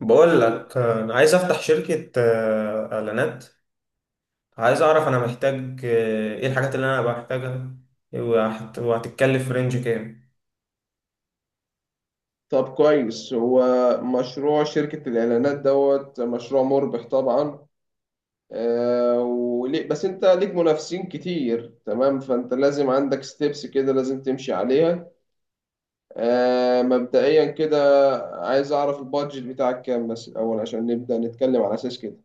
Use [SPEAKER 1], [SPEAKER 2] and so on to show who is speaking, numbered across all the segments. [SPEAKER 1] بقول لك انا عايز افتح شركة اعلانات. عايز اعرف انا محتاج ايه الحاجات اللي انا بحتاجها، وهتتكلف في رينج كام؟
[SPEAKER 2] طب، كويس. هو مشروع شركة الإعلانات دوت مشروع مربح طبعا. وليه بس أنت ليك منافسين كتير، تمام. فأنت لازم عندك ستيبس كده لازم تمشي عليها. مبدئيا كده، عايز أعرف البادجت بتاعك كام بس الأول عشان نبدأ نتكلم على أساس كده.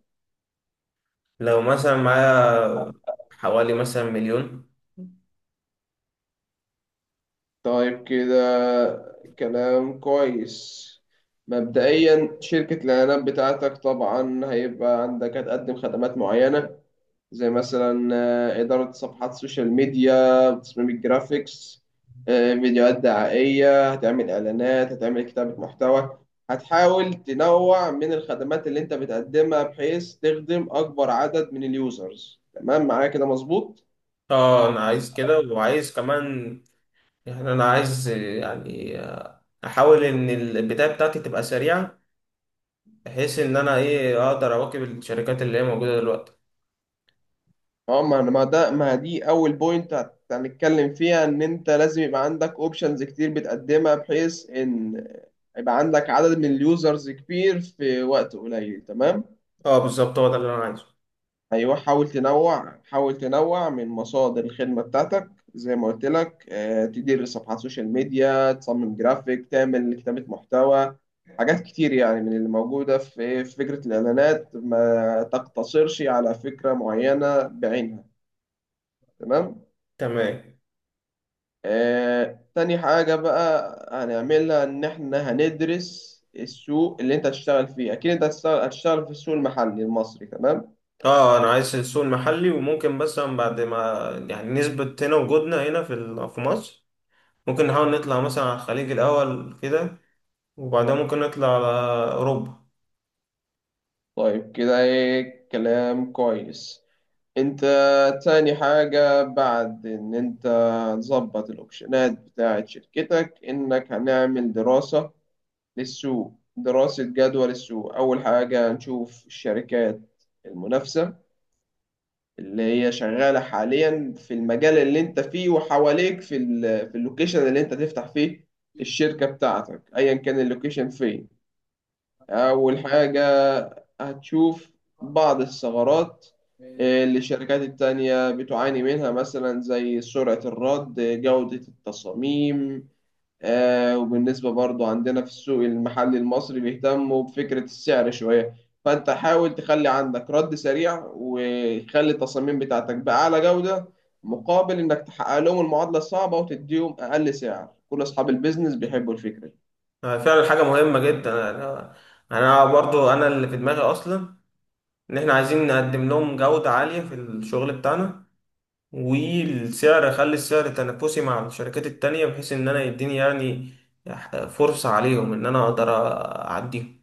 [SPEAKER 1] لو مثلا معايا حوالي مثلا مليون.
[SPEAKER 2] طيب كده، كلام كويس. مبدئيا شركة الإعلانات بتاعتك طبعا هيبقى عندك هتقدم خدمات معينة زي مثلا إدارة صفحات سوشيال ميديا، تصميم الجرافيكس، فيديوهات دعائية، هتعمل إعلانات، هتعمل كتابة محتوى. هتحاول تنوع من الخدمات اللي أنت بتقدمها بحيث تخدم أكبر عدد من اليوزرز. تمام، معايا كده مظبوط؟
[SPEAKER 1] اه، انا عايز كده وعايز كمان، يعني انا عايز احاول ان البداية بتاعتي تبقى سريعة بحيث ان انا ايه اقدر اواكب الشركات اللي هي موجودة دلوقتي.
[SPEAKER 2] اه. ما ما ده ما دي أول بوينت هنتكلم فيها، إن أنت لازم يبقى عندك أوبشنز كتير بتقدمها بحيث إن يبقى عندك عدد من اليوزرز كبير في وقت قليل، تمام؟
[SPEAKER 1] اه بالظبط هو ده اللي انا عايزه.
[SPEAKER 2] ايوه، حاول تنوع، حاول تنوع من مصادر الخدمه بتاعتك. زي ما قلت لك، تدير صفحات سوشيال ميديا، تصمم جرافيك، تعمل كتابه محتوى. حاجات كتير يعني من اللي موجوده في فكره الاعلانات، ما تقتصرش على فكره معينه بعينها. تمام.
[SPEAKER 1] تمام.
[SPEAKER 2] تاني حاجه بقى هنعملها ان احنا هندرس السوق اللي انت هتشتغل فيه. اكيد انت هتشتغل في السوق المحلي المصري، تمام.
[SPEAKER 1] اه انا عايز السوق المحلي وممكن مثلا بعد ما يعني نثبت هنا وجودنا هنا في مصر، ممكن نحاول نطلع مثلا على الخليج الاول كده، وبعدها ممكن نطلع على اوروبا.
[SPEAKER 2] طيب كده ايه، كلام كويس. انت تاني حاجة بعد ان انت تظبط الاوبشنات بتاعة شركتك، انك هنعمل دراسة للسوق، دراسة جدوى للسوق. اول حاجة نشوف الشركات المنافسة اللي هي شغالة حاليا في المجال اللي انت فيه وحواليك، في اللوكيشن اللي انت تفتح فيه الشركة بتاعتك، ايا كان اللوكيشن فين. أول حاجة هتشوف بعض الثغرات، اللي الشركات التانية بتعاني منها مثلا، زي سرعة الرد، جودة التصاميم. وبالنسبة برضو عندنا في السوق المحلي المصري بيهتموا بفكرة السعر شوية. فأنت حاول تخلي عندك رد سريع، وخلي التصاميم بتاعتك بأعلى جودة، مقابل إنك تحقق لهم المعادلة الصعبة وتديهم أقل سعر. كل أصحاب البيزنس بيحبوا الفكرة دي.
[SPEAKER 1] فعلا حاجه مهمه جدا. أنا برضو انا اللي في دماغي اصلا ان احنا عايزين نقدم لهم جوده عاليه في الشغل بتاعنا، والسعر اخلي السعر تنافسي مع الشركات التانية بحيث ان انا يديني يعني فرصه عليهم ان انا اقدر اعديهم.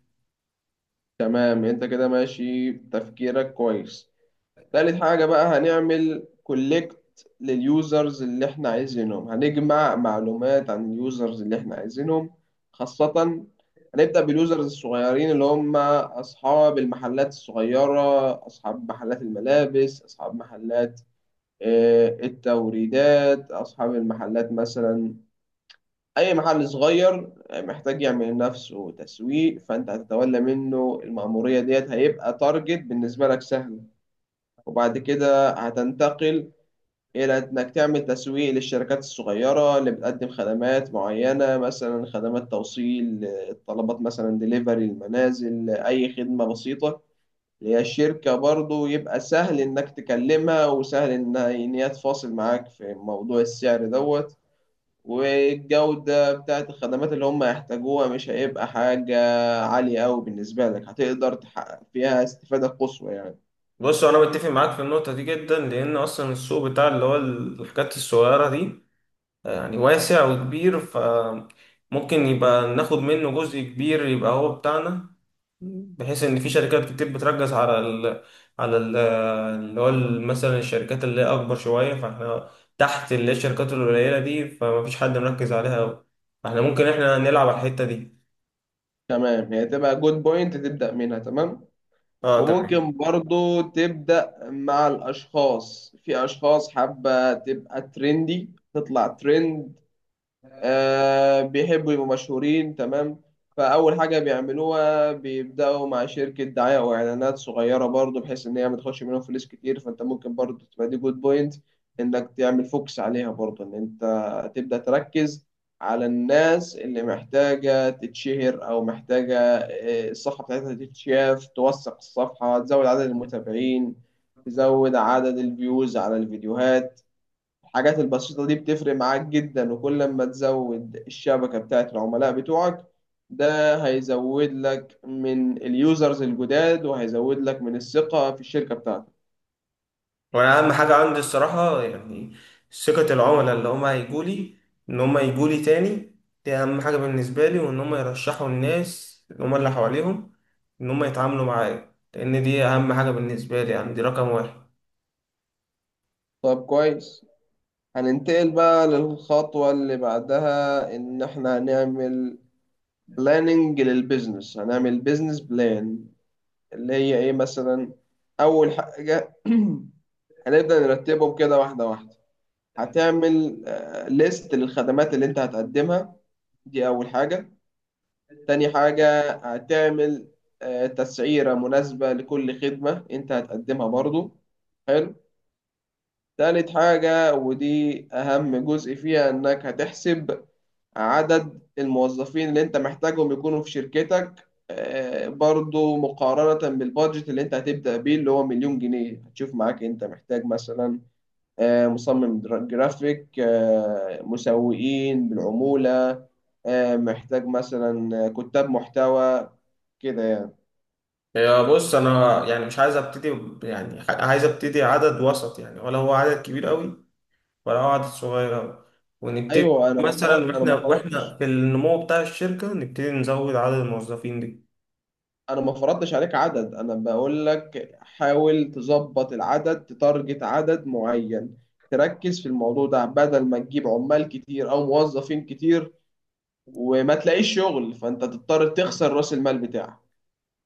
[SPEAKER 2] تمام، انت كده ماشي تفكيرك كويس. تالت حاجة بقى، هنعمل كولكت لليوزرز اللي احنا عايزينهم، هنجمع معلومات عن اليوزرز اللي احنا عايزينهم خاصة. هنبدأ باليوزرز الصغيرين اللي هم أصحاب المحلات الصغيرة، أصحاب محلات الملابس، أصحاب محلات التوريدات، أصحاب المحلات مثلا. أي محل صغير محتاج يعمل لنفسه تسويق، فأنت هتتولى منه المأمورية ديت، هيبقى تارجت بالنسبة لك سهل. وبعد كده هتنتقل إلى إنك تعمل تسويق للشركات الصغيرة اللي بتقدم خدمات معينة، مثلا خدمات توصيل الطلبات مثلا، ديليفري المنازل، أي خدمة بسيطة. اللي هي الشركة برضو يبقى سهل إنك تكلمها، وسهل إن هي تفاصل معاك في موضوع السعر دوت. والجودة بتاعت الخدمات اللي هم يحتاجوها مش هيبقى حاجة عالية أوي بالنسبة لك، هتقدر تحقق فيها استفادة قصوى يعني.
[SPEAKER 1] بص انا بتفق معاك في النقطه دي جدا لان اصلا السوق بتاع اللي هو الحاجات الصغيره دي يعني واسع وكبير، فممكن يبقى ناخد منه جزء كبير يبقى هو بتاعنا، بحيث ان في شركات كتير بتركز على ال على ال اللي هو ال- مثلا الشركات اللي هي اكبر شويه، فاحنا تحت اللي هي الشركات القليله دي فمفيش حد مركز عليها أوي. فاحنا ممكن نلعب على الحته دي.
[SPEAKER 2] تمام، هي تبقى جود بوينت تبدأ منها، تمام.
[SPEAKER 1] اه تمام.
[SPEAKER 2] وممكن برضو تبدأ مع الأشخاص، في أشخاص حابة تبقى ترندي تطلع ترند، بيحبوا يبقوا مشهورين، تمام. فأول حاجة بيعملوها بيبدأوا مع شركة دعاية أو إعلانات صغيرة برضو، بحيث إن هي ما تاخدش منهم فلوس كتير. فأنت ممكن برضو تبقى دي جود بوينت، إنك تعمل فوكس عليها برضو، إن أنت تبدأ تركز على الناس اللي محتاجة تتشهر، أو محتاجة الصفحة بتاعتها تتشاف، توثق الصفحة، تزود عدد المتابعين، تزود عدد الفيوز على الفيديوهات. الحاجات البسيطة دي بتفرق معاك جدا، وكل ما تزود الشبكة بتاعت العملاء بتوعك، ده هيزود لك من اليوزرز الجداد، وهيزود لك من الثقة في الشركة بتاعتك.
[SPEAKER 1] وانا اهم حاجه عندي الصراحه يعني ثقه العملاء اللي هم هيجوا لي، ان هم يجوا لي تاني، دي اهم حاجه بالنسبه لي، وان هم يرشحوا الناس اللي اللي حواليهم ان هم يتعاملوا معايا، لان دي اهم حاجه بالنسبه لي، يعني دي رقم واحد.
[SPEAKER 2] طب كويس. هننتقل بقى للخطوة اللي بعدها، إن إحنا هنعمل بلاننج للبيزنس، هنعمل بيزنس بلان. اللي هي إيه مثلا؟ أول حاجة هنبدأ نرتبهم كده واحدة واحدة. هتعمل ليست للخدمات اللي أنت هتقدمها، دي أول حاجة. تاني حاجة هتعمل تسعيرة مناسبة لكل خدمة أنت هتقدمها برضو. حلو. تالت حاجة، ودي أهم جزء فيها، إنك هتحسب عدد الموظفين اللي أنت محتاجهم يكونوا في شركتك، برضو مقارنة بالبادجت اللي أنت هتبدأ بيه اللي هو 1,000,000 جنيه. هتشوف معاك أنت محتاج مثلا مصمم جرافيك، مسوقين بالعمولة، محتاج مثلا كتاب محتوى، كده يعني.
[SPEAKER 1] يا بص انا يعني مش عايز ابتدي ب- يعني ح- عايز ابتدي عدد وسط يعني، ولا هو عدد كبير قوي ولا هو عدد صغير قوي، ونبتدي
[SPEAKER 2] ايوه،
[SPEAKER 1] مثلا
[SPEAKER 2] انا
[SPEAKER 1] واحنا
[SPEAKER 2] ما
[SPEAKER 1] واحنا
[SPEAKER 2] فرطتش.
[SPEAKER 1] في النمو بتاع الشركه نبتدي نزود عدد الموظفين دي.
[SPEAKER 2] انا ما فرضتش عليك عدد، انا بقول لك حاول تظبط العدد، تتارجت عدد معين، تركز في الموضوع ده بدل ما تجيب عمال كتير او موظفين كتير وما تلاقيش شغل، فانت تضطر تخسر راس المال بتاعك.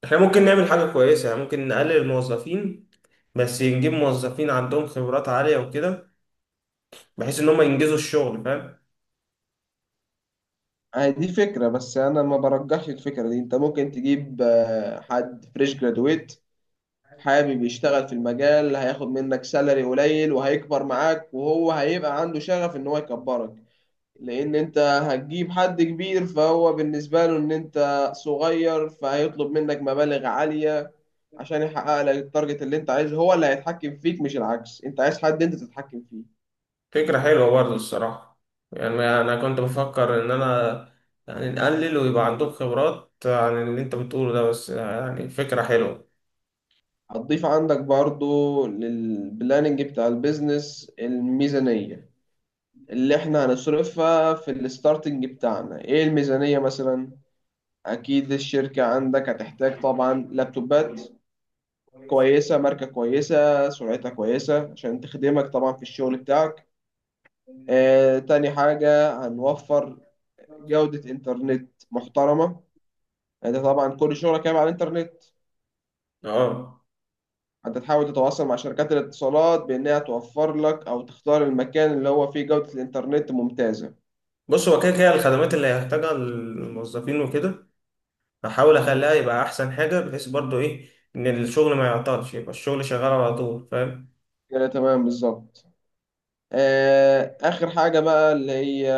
[SPEAKER 1] احنا ممكن نعمل حاجة كويسة، يعني ممكن نقلل الموظفين بس نجيب موظفين عندهم خبرات عالية وكده بحيث ان هم ينجزوا الشغل، فاهم؟
[SPEAKER 2] هي دي فكرة، بس أنا ما برجحش الفكرة دي. أنت ممكن تجيب حد فريش جرادويت حابب يشتغل في المجال، هياخد منك سالري قليل وهيكبر معاك، وهو هيبقى عنده شغف إن هو يكبرك. لأن أنت هتجيب حد كبير، فهو بالنسبة له إن أنت صغير، فهيطلب منك مبالغ عالية عشان يحقق لك التارجت اللي أنت عايزه. هو اللي هيتحكم فيك مش العكس، أنت عايز حد أنت تتحكم فيه.
[SPEAKER 1] فكرة حلوة برضه الصراحة، يعني انا كنت بفكر ان انا يعني نقلل ويبقى عندهم خبرات عن اللي انت بتقوله ده، بس يعني فكرة حلوة.
[SPEAKER 2] هتضيف عندك برضو للبلاننج بتاع البيزنس الميزانية اللي احنا هنصرفها في الستارتنج بتاعنا. ايه الميزانية مثلا؟ اكيد الشركة عندك هتحتاج طبعا لابتوبات كويسة، ماركة كويسة، سرعتها كويسة عشان تخدمك طبعا في الشغل بتاعك. تاني حاجة هنوفر جودة انترنت محترمة. انت طبعا كل شغلك هيبقى على الانترنت.
[SPEAKER 1] اه
[SPEAKER 2] انت تحاول تتواصل مع شركات الاتصالات بانها توفر لك، او تختار المكان اللي هو فيه جودة الانترنت ممتازة.
[SPEAKER 1] بص هو كده كده الخدمات اللي هيحتاجها الموظفين وكده هحاول اخليها يبقى احسن حاجة بحيث برضه ايه ان الشغل ما يعطلش، يبقى الشغل شغال على طول، فاهم؟
[SPEAKER 2] كده تمام بالظبط. آخر حاجة بقى، اللي هي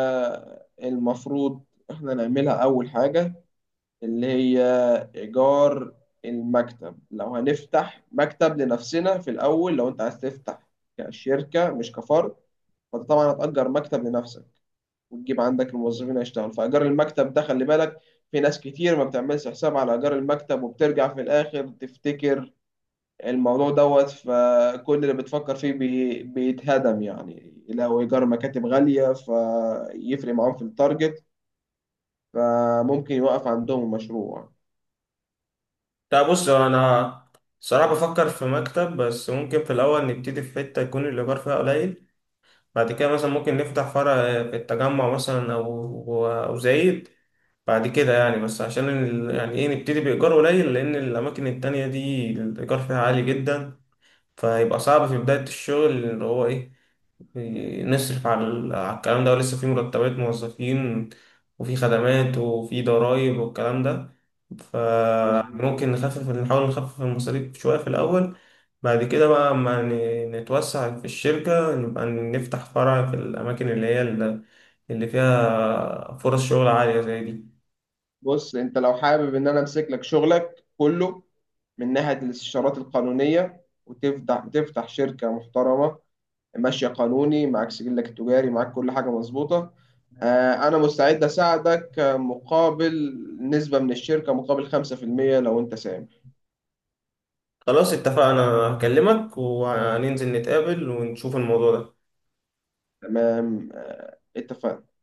[SPEAKER 2] المفروض إحنا نعملها أول حاجة، اللي هي إيجار المكتب. لو هنفتح مكتب لنفسنا في الأول، لو أنت عايز تفتح كشركة مش كفرد، فأنت طبعا هتأجر مكتب لنفسك وتجيب عندك الموظفين يشتغلوا. فإيجار المكتب ده خلي بالك، في ناس كتير ما بتعملش حساب على إيجار المكتب، وبترجع في الآخر تفتكر الموضوع دوت. فكل اللي بتفكر فيه بيتهدم يعني. لو إيجار مكاتب غالية فيفرق معاهم في التارجت، فممكن يوقف عندهم المشروع.
[SPEAKER 1] طيب بص انا صراحة بفكر في مكتب، بس ممكن في الاول نبتدي في حتة يكون الايجار فيها قليل، بعد كده مثلا ممكن نفتح فرع في التجمع مثلا او زايد بعد كده يعني، بس عشان يعني ايه نبتدي بايجار قليل لان الاماكن التانية دي الايجار فيها عالي جدا، فيبقى صعب في بداية الشغل اللي هو إيه نصرف على الكلام ده، ولسه في مرتبات موظفين وفي خدمات وفي ضرائب والكلام ده،
[SPEAKER 2] مظبوط.
[SPEAKER 1] فممكن نحاول نخفف المصاريف شوية في الأول. بعد كده بقى أما نتوسع في الشركة نبقى نفتح فرع في الأماكن اللي هي اللي فيها فرص شغل عالية زي دي.
[SPEAKER 2] بص أنت لو حابب إن أنا أمسك لك شغلك كله من ناحية الاستشارات القانونية، وتفتح تفتح شركة محترمة، ماشية قانوني، معاك سجلك التجاري، معاك كل حاجة مظبوطة، أنا مستعد أساعدك، مقابل نسبة من الشركة، مقابل 5% لو أنت ساهم.
[SPEAKER 1] خلاص اتفقنا، هكلمك وهننزل نتقابل ونشوف الموضوع ده.
[SPEAKER 2] تمام، اتفقنا.